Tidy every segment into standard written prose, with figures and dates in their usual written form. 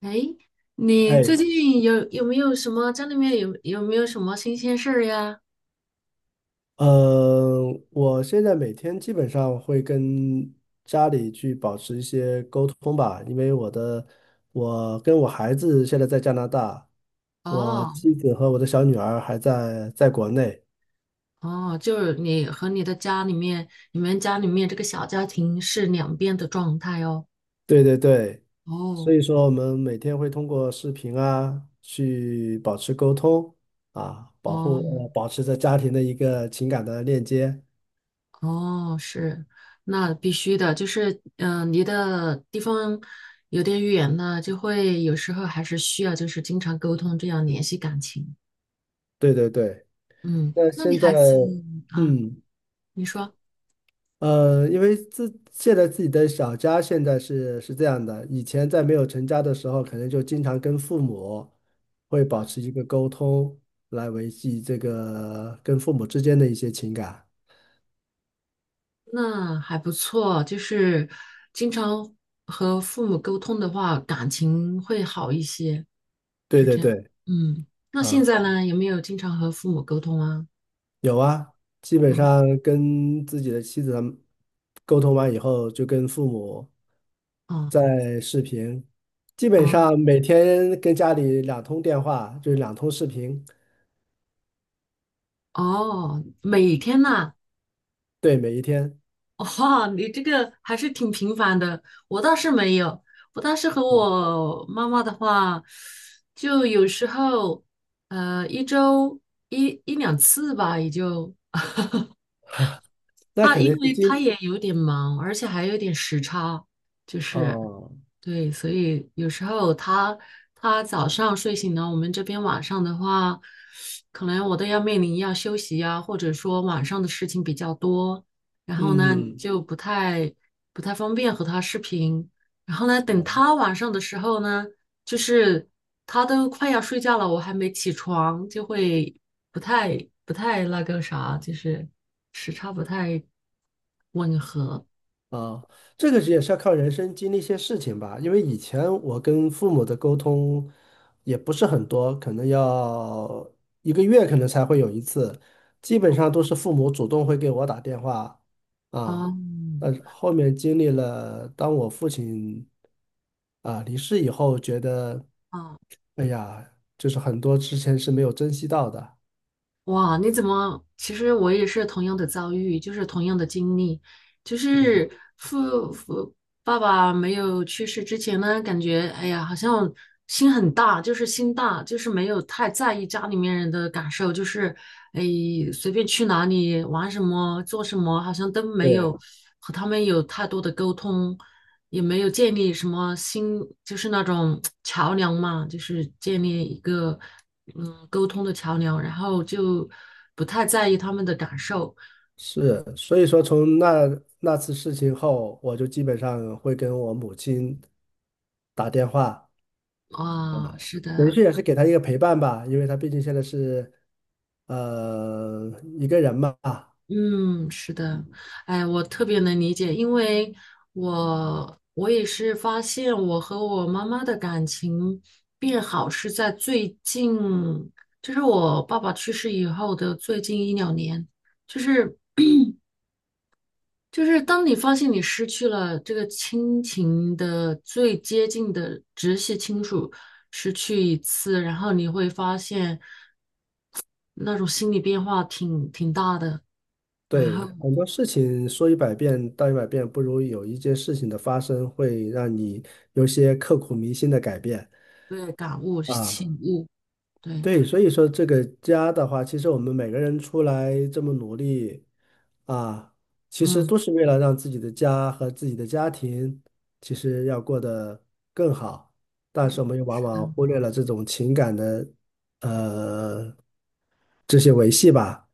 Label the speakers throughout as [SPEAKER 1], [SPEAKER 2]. [SPEAKER 1] 哎，你最
[SPEAKER 2] 哎，
[SPEAKER 1] 近有没有什么家里面有没有什么新鲜事儿呀？
[SPEAKER 2] 嗯，我现在每天基本上会跟家里去保持一些沟通吧，因为我的，我跟我孩子现在在加拿大，我
[SPEAKER 1] 哦
[SPEAKER 2] 妻子和我的小女儿还在国内，
[SPEAKER 1] 哦，就是你和你的家里面，你们家里面这个小家庭是两边的状态哦。
[SPEAKER 2] 对对对，
[SPEAKER 1] 哦
[SPEAKER 2] 所以说我们每天会通过视频啊去保持沟通啊，保护
[SPEAKER 1] 哦
[SPEAKER 2] 呃保持着家庭的一个情感的链接，
[SPEAKER 1] 哦，是，那必须的，就是离的地方有点远呢，就会有时候还是需要就是经常沟通，这样联系感情。
[SPEAKER 2] 对对对，
[SPEAKER 1] 嗯，
[SPEAKER 2] 那
[SPEAKER 1] 那你
[SPEAKER 2] 现在
[SPEAKER 1] 孩子啊，
[SPEAKER 2] 嗯。
[SPEAKER 1] 你说。
[SPEAKER 2] 呃，因为现在自己的小家现在是这样的，以前在没有成家的时候，可能就经常跟父母会保持一个沟通，来维系这个跟父母之间的一些情感。
[SPEAKER 1] 那还不错，就是经常和父母沟通的话，感情会好一些，
[SPEAKER 2] 对
[SPEAKER 1] 是
[SPEAKER 2] 对
[SPEAKER 1] 这样。
[SPEAKER 2] 对，
[SPEAKER 1] 嗯，那现
[SPEAKER 2] 啊，
[SPEAKER 1] 在呢，有没有经常和父母沟通啊？
[SPEAKER 2] 基本
[SPEAKER 1] 嗯，
[SPEAKER 2] 上跟自己的妻子他们沟通完以后，就跟父母
[SPEAKER 1] 哦，
[SPEAKER 2] 在视频，基本
[SPEAKER 1] 哦，
[SPEAKER 2] 上每天跟家里两通电话，就是两通视频，
[SPEAKER 1] 哦，每天呐，
[SPEAKER 2] 对，每一天。
[SPEAKER 1] 哇，你这个还是挺频繁的。我倒是没有，我倒是和
[SPEAKER 2] 嗯
[SPEAKER 1] 我妈妈的话，就有时候，一周一两次吧，也就。
[SPEAKER 2] 那
[SPEAKER 1] 他
[SPEAKER 2] 可能
[SPEAKER 1] 因
[SPEAKER 2] 是
[SPEAKER 1] 为他
[SPEAKER 2] 今。
[SPEAKER 1] 也有点忙，而且还有点时差，就是
[SPEAKER 2] 哦，
[SPEAKER 1] 对，所以有时候他早上睡醒了，我们这边晚上的话，可能我都要面临要休息呀，或者说晚上的事情比较多，然后呢
[SPEAKER 2] 嗯，
[SPEAKER 1] 就不太方便和他视频。然后呢，等他晚上的时候呢，就是他都快要睡觉了，我还没起床，就会不太不太那个啥，就是时差不太吻合。
[SPEAKER 2] 啊，这个也是要靠人生经历一些事情吧。因为以前我跟父母的沟通也不是很多，可能要一个月可能才会有一次，基本上都是父母主动会给我打电话
[SPEAKER 1] 哦，
[SPEAKER 2] 啊。但是后面经历了，当我父亲啊离世以后，觉得
[SPEAKER 1] 哦。
[SPEAKER 2] 哎呀，就是很多之前是没有珍惜到的。
[SPEAKER 1] 哇，你怎么？其实我也是同样的遭遇，就是同样的经历，就
[SPEAKER 2] 嗯，
[SPEAKER 1] 是父父爸爸没有去世之前呢，感觉哎呀，好像心很大，就是心大，就是没有太在意家里面人的感受，就是哎随便去哪里玩什么做什么，好像都没有
[SPEAKER 2] 对。
[SPEAKER 1] 和他们有太多的沟通。也没有建立什么新，就是那种桥梁嘛，就是建立一个沟通的桥梁，然后就不太在意他们的感受
[SPEAKER 2] 是，所以说从那次事情后，我就基本上会跟我母亲打电话，
[SPEAKER 1] 啊，是
[SPEAKER 2] 等于
[SPEAKER 1] 的，
[SPEAKER 2] 是也是给她一个陪伴吧，因为她毕竟现在是呃一个人嘛，
[SPEAKER 1] 嗯，是的，哎，我特别能理解，因为我也是发现我和我妈妈的感情变好是在最近，就是我爸爸去世以后的最近1~2年，就是。就是当你发现你失去了这个亲情的最接近的直系亲属，失去一次，然后你会发现那种心理变化挺大的，然
[SPEAKER 2] 对，
[SPEAKER 1] 后
[SPEAKER 2] 很多事情说一百遍道一百遍，不如有一件事情的发生会让你有些刻骨铭心的改变
[SPEAKER 1] 对感悟
[SPEAKER 2] 啊。
[SPEAKER 1] 醒悟，对，
[SPEAKER 2] 对，所以说这个家的话，其实我们每个人出来这么努力啊，其实
[SPEAKER 1] 嗯，
[SPEAKER 2] 都是为了让自己的家和自己的家庭，其实要过得更好。但是我们又往
[SPEAKER 1] 是的。
[SPEAKER 2] 往忽略了这种情感的呃这些维系吧。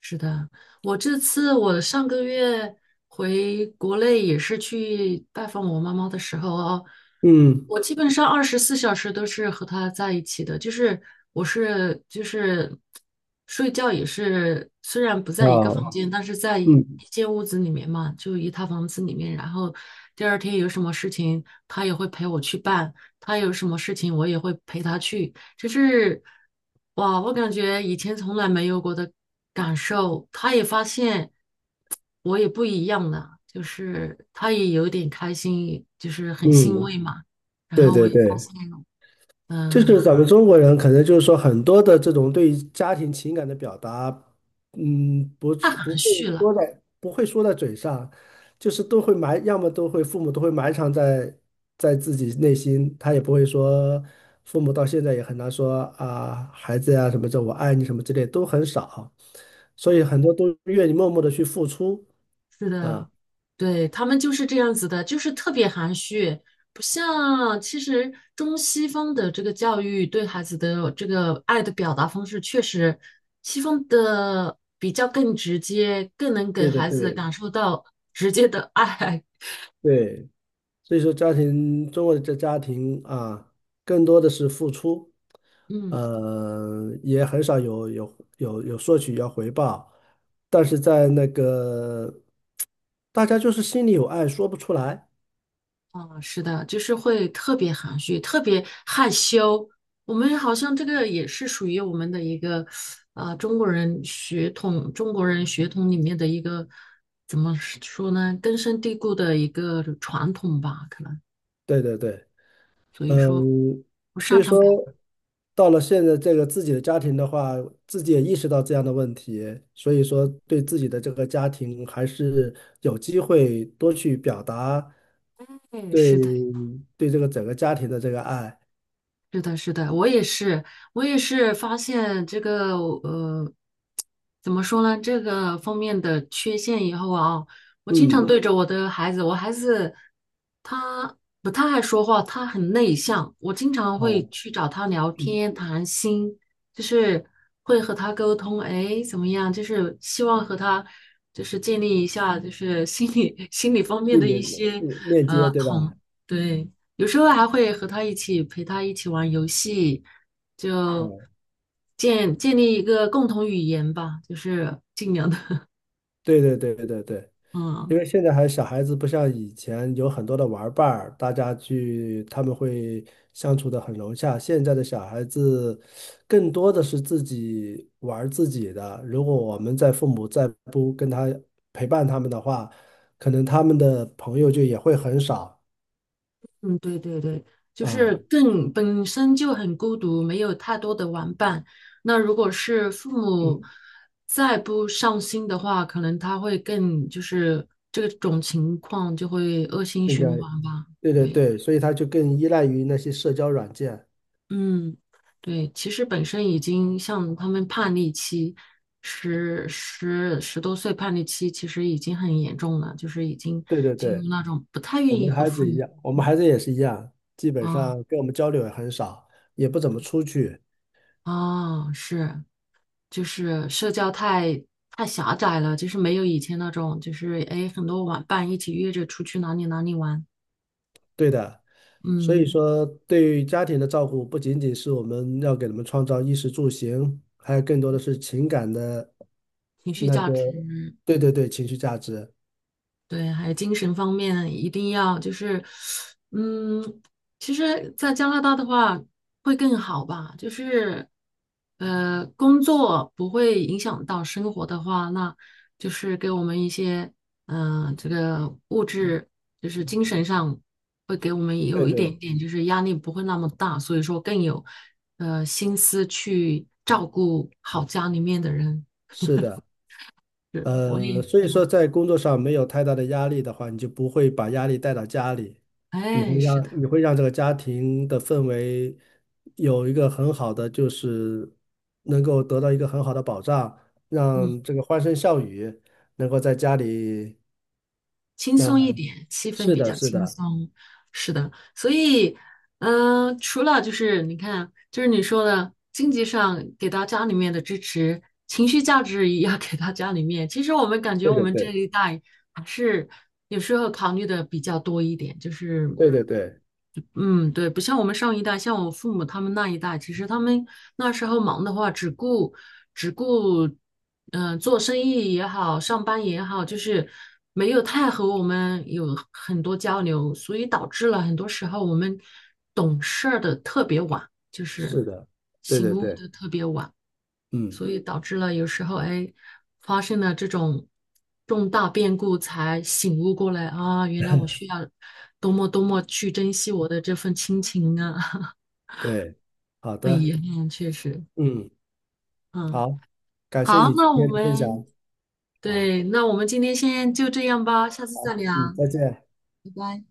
[SPEAKER 1] 是的，我这次我上个月回国内也是去拜访我妈妈的时候哦，
[SPEAKER 2] 嗯
[SPEAKER 1] 我基本上24小时都是和她在一起的，就是我是就是睡觉也是，虽然不在一个
[SPEAKER 2] 啊，
[SPEAKER 1] 房间，但是在一
[SPEAKER 2] 嗯
[SPEAKER 1] 一间屋子里面嘛，就一套房子里面，然后第二天有什么事情，她也会陪我去办，她有什么事情我也会陪她去，就是哇，我感觉以前从来没有过的感受。他也发现我也不一样了，就是他也有点开心，就是很欣
[SPEAKER 2] 嗯，
[SPEAKER 1] 慰嘛。然
[SPEAKER 2] 对
[SPEAKER 1] 后我
[SPEAKER 2] 对
[SPEAKER 1] 也发
[SPEAKER 2] 对。
[SPEAKER 1] 现，
[SPEAKER 2] 就
[SPEAKER 1] 嗯、
[SPEAKER 2] 是咱们中国人可能就是说很多的这种对于家庭情感的表达，嗯，不是不
[SPEAKER 1] 含
[SPEAKER 2] 会
[SPEAKER 1] 蓄了。
[SPEAKER 2] 说在不会说在嘴上，就是都会埋，要么都会父母都会埋藏在自己内心，他也不会说，父母到现在也很难说啊，孩子呀、什么这我爱你什么之类都很少，所以
[SPEAKER 1] 嗯。
[SPEAKER 2] 很多都愿意默默的去付出
[SPEAKER 1] 是的，
[SPEAKER 2] 啊，
[SPEAKER 1] 对，他们就是这样子的，就是特别含蓄，不像其实中西方的这个教育对孩子的这个爱的表达方式，确实西方的比较更直接，更能给
[SPEAKER 2] 对的
[SPEAKER 1] 孩子
[SPEAKER 2] 对
[SPEAKER 1] 感受到直接的爱。
[SPEAKER 2] 对。所以说，家庭，中国的这家庭啊，更多的是付出，
[SPEAKER 1] 嗯。
[SPEAKER 2] 也很少有索取要回报，但是在那个大家就是心里有爱，说不出来。
[SPEAKER 1] 嗯，是的，就是会特别含蓄，特别害羞。我们好像这个也是属于我们的一个，中国人血统，中国人血统里面的一个，怎么说呢？根深蒂固的一个传统吧，可能。
[SPEAKER 2] 对对对，
[SPEAKER 1] 所以
[SPEAKER 2] 嗯，
[SPEAKER 1] 说，不
[SPEAKER 2] 所
[SPEAKER 1] 擅
[SPEAKER 2] 以
[SPEAKER 1] 长
[SPEAKER 2] 说
[SPEAKER 1] 表
[SPEAKER 2] 到了现在这个自己的家庭的话，自己也意识到这样的问题，所以说对自己的这个家庭还是有机会多去表达
[SPEAKER 1] 现，对
[SPEAKER 2] 对
[SPEAKER 1] 是的。
[SPEAKER 2] 对这个整个家庭的这个爱，
[SPEAKER 1] 是的，是的，我也是，我也是发现这个怎么说呢？这个方面的缺陷以后啊，我经常
[SPEAKER 2] 嗯，
[SPEAKER 1] 对着我的孩子，我孩子他不太爱说话，他很内向，我经常
[SPEAKER 2] 啊，
[SPEAKER 1] 会去找他聊
[SPEAKER 2] 嗯，
[SPEAKER 1] 天谈心，就是会和他沟通，哎，怎么样？就是希望和他就是建立一下，就是心理 心理方面
[SPEAKER 2] 一
[SPEAKER 1] 的
[SPEAKER 2] 点
[SPEAKER 1] 一
[SPEAKER 2] 链
[SPEAKER 1] 些
[SPEAKER 2] 链接
[SPEAKER 1] 呃
[SPEAKER 2] 对吧？
[SPEAKER 1] 同，对。有时候还会和他一起陪他一起玩游戏，就
[SPEAKER 2] 嗯，
[SPEAKER 1] 建立一个共同语言吧，就是尽量的，
[SPEAKER 2] 对对对对对对，
[SPEAKER 1] 嗯
[SPEAKER 2] 因为现在还小孩子不像以前有很多的玩伴儿，大家去他们会相处的很融洽。现在的小孩子更多的是自己玩儿自己的。如果我们在父母再不跟他陪伴他们的话，可能他们的朋友就也会很少
[SPEAKER 1] 嗯，对对对，就是
[SPEAKER 2] 啊。
[SPEAKER 1] 更本身就很孤独，没有太多的玩伴。那如果是父母
[SPEAKER 2] 嗯，
[SPEAKER 1] 再不上心的话，可能他会更就是这种情况就会恶性
[SPEAKER 2] 更加
[SPEAKER 1] 循环吧，
[SPEAKER 2] 对对
[SPEAKER 1] 对。
[SPEAKER 2] 对，所以他就更依赖于那些社交软件。
[SPEAKER 1] 嗯，对，其实本身已经像他们叛逆期，十多岁叛逆期，其实已经很严重了，就是已经
[SPEAKER 2] 对对
[SPEAKER 1] 进
[SPEAKER 2] 对，
[SPEAKER 1] 入那种不太
[SPEAKER 2] 我
[SPEAKER 1] 愿
[SPEAKER 2] 们
[SPEAKER 1] 意
[SPEAKER 2] 的
[SPEAKER 1] 和
[SPEAKER 2] 孩
[SPEAKER 1] 父
[SPEAKER 2] 子一
[SPEAKER 1] 母
[SPEAKER 2] 样，我们孩子也是一样，基本
[SPEAKER 1] 啊
[SPEAKER 2] 上跟我们交流也很少，也不怎么出去。
[SPEAKER 1] 啊，是，就是社交太狭窄了，就是没有以前那种，就是哎，诶很多玩伴一起约着出去哪里哪里玩，
[SPEAKER 2] 对的，所以
[SPEAKER 1] 嗯，
[SPEAKER 2] 说对于家庭的照顾，不仅仅是我们要给他们创造衣食住行，还有更多的是情感的
[SPEAKER 1] 情绪
[SPEAKER 2] 那
[SPEAKER 1] 价
[SPEAKER 2] 个，
[SPEAKER 1] 值
[SPEAKER 2] 对对对，情绪价值，
[SPEAKER 1] 对，还有精神方面一定要就是，嗯，其实，在加拿大的话会更好吧，就是，工作不会影响到生活的话，那就是给我们一些，这个物质就是精神上会给我们
[SPEAKER 2] 对
[SPEAKER 1] 有一点
[SPEAKER 2] 对，
[SPEAKER 1] 点，就是压力不会那么大，所以说更有，心思去照顾好家里面的人。
[SPEAKER 2] 是的，
[SPEAKER 1] 是，我也是
[SPEAKER 2] 所
[SPEAKER 1] 这
[SPEAKER 2] 以说
[SPEAKER 1] 样
[SPEAKER 2] 在工作上没有太大的压力的话，你就不会把压力带到家里，你会
[SPEAKER 1] 哎，是
[SPEAKER 2] 让
[SPEAKER 1] 的，
[SPEAKER 2] 你会让这个家庭的氛围有一个很好的，就是能够得到一个很好的保障，
[SPEAKER 1] 嗯。
[SPEAKER 2] 让这个欢声笑语。能够在家里
[SPEAKER 1] 轻
[SPEAKER 2] 那
[SPEAKER 1] 松一点，气氛
[SPEAKER 2] 是
[SPEAKER 1] 比
[SPEAKER 2] 的，
[SPEAKER 1] 较
[SPEAKER 2] 是
[SPEAKER 1] 轻
[SPEAKER 2] 的，
[SPEAKER 1] 松。是的，所以，除了就是你看，就是你说的经济上给到家里面的支持，情绪价值也要给到家里面。其实我们感觉
[SPEAKER 2] 对
[SPEAKER 1] 我
[SPEAKER 2] 对
[SPEAKER 1] 们这
[SPEAKER 2] 对，
[SPEAKER 1] 一代还是有时候考虑的比较多一点，就是
[SPEAKER 2] 对对对，
[SPEAKER 1] 嗯，对，不像我们上一代，像我父母他们那一代，其实他们那时候忙的话，只顾，做生意也好，上班也好，就是没有太和我们有很多交流，所以导致了很多时候我们懂事儿的特别晚，就是
[SPEAKER 2] 是的，对
[SPEAKER 1] 醒
[SPEAKER 2] 对
[SPEAKER 1] 悟
[SPEAKER 2] 对，
[SPEAKER 1] 的特别晚。
[SPEAKER 2] 嗯，
[SPEAKER 1] 所以导致了有时候哎，发生了这种重大变故，才醒悟过来啊，原来我需要多么多么去珍惜我的这份亲情啊，
[SPEAKER 2] 对，好
[SPEAKER 1] 很遗
[SPEAKER 2] 的，
[SPEAKER 1] 憾，确实，
[SPEAKER 2] 嗯，
[SPEAKER 1] 嗯，
[SPEAKER 2] 好，感谢
[SPEAKER 1] 好，
[SPEAKER 2] 你今
[SPEAKER 1] 那我
[SPEAKER 2] 天的分享，
[SPEAKER 1] 们
[SPEAKER 2] 好，
[SPEAKER 1] 对，那我们今天先就这样吧，下次再聊，
[SPEAKER 2] 嗯，再见。
[SPEAKER 1] 拜拜。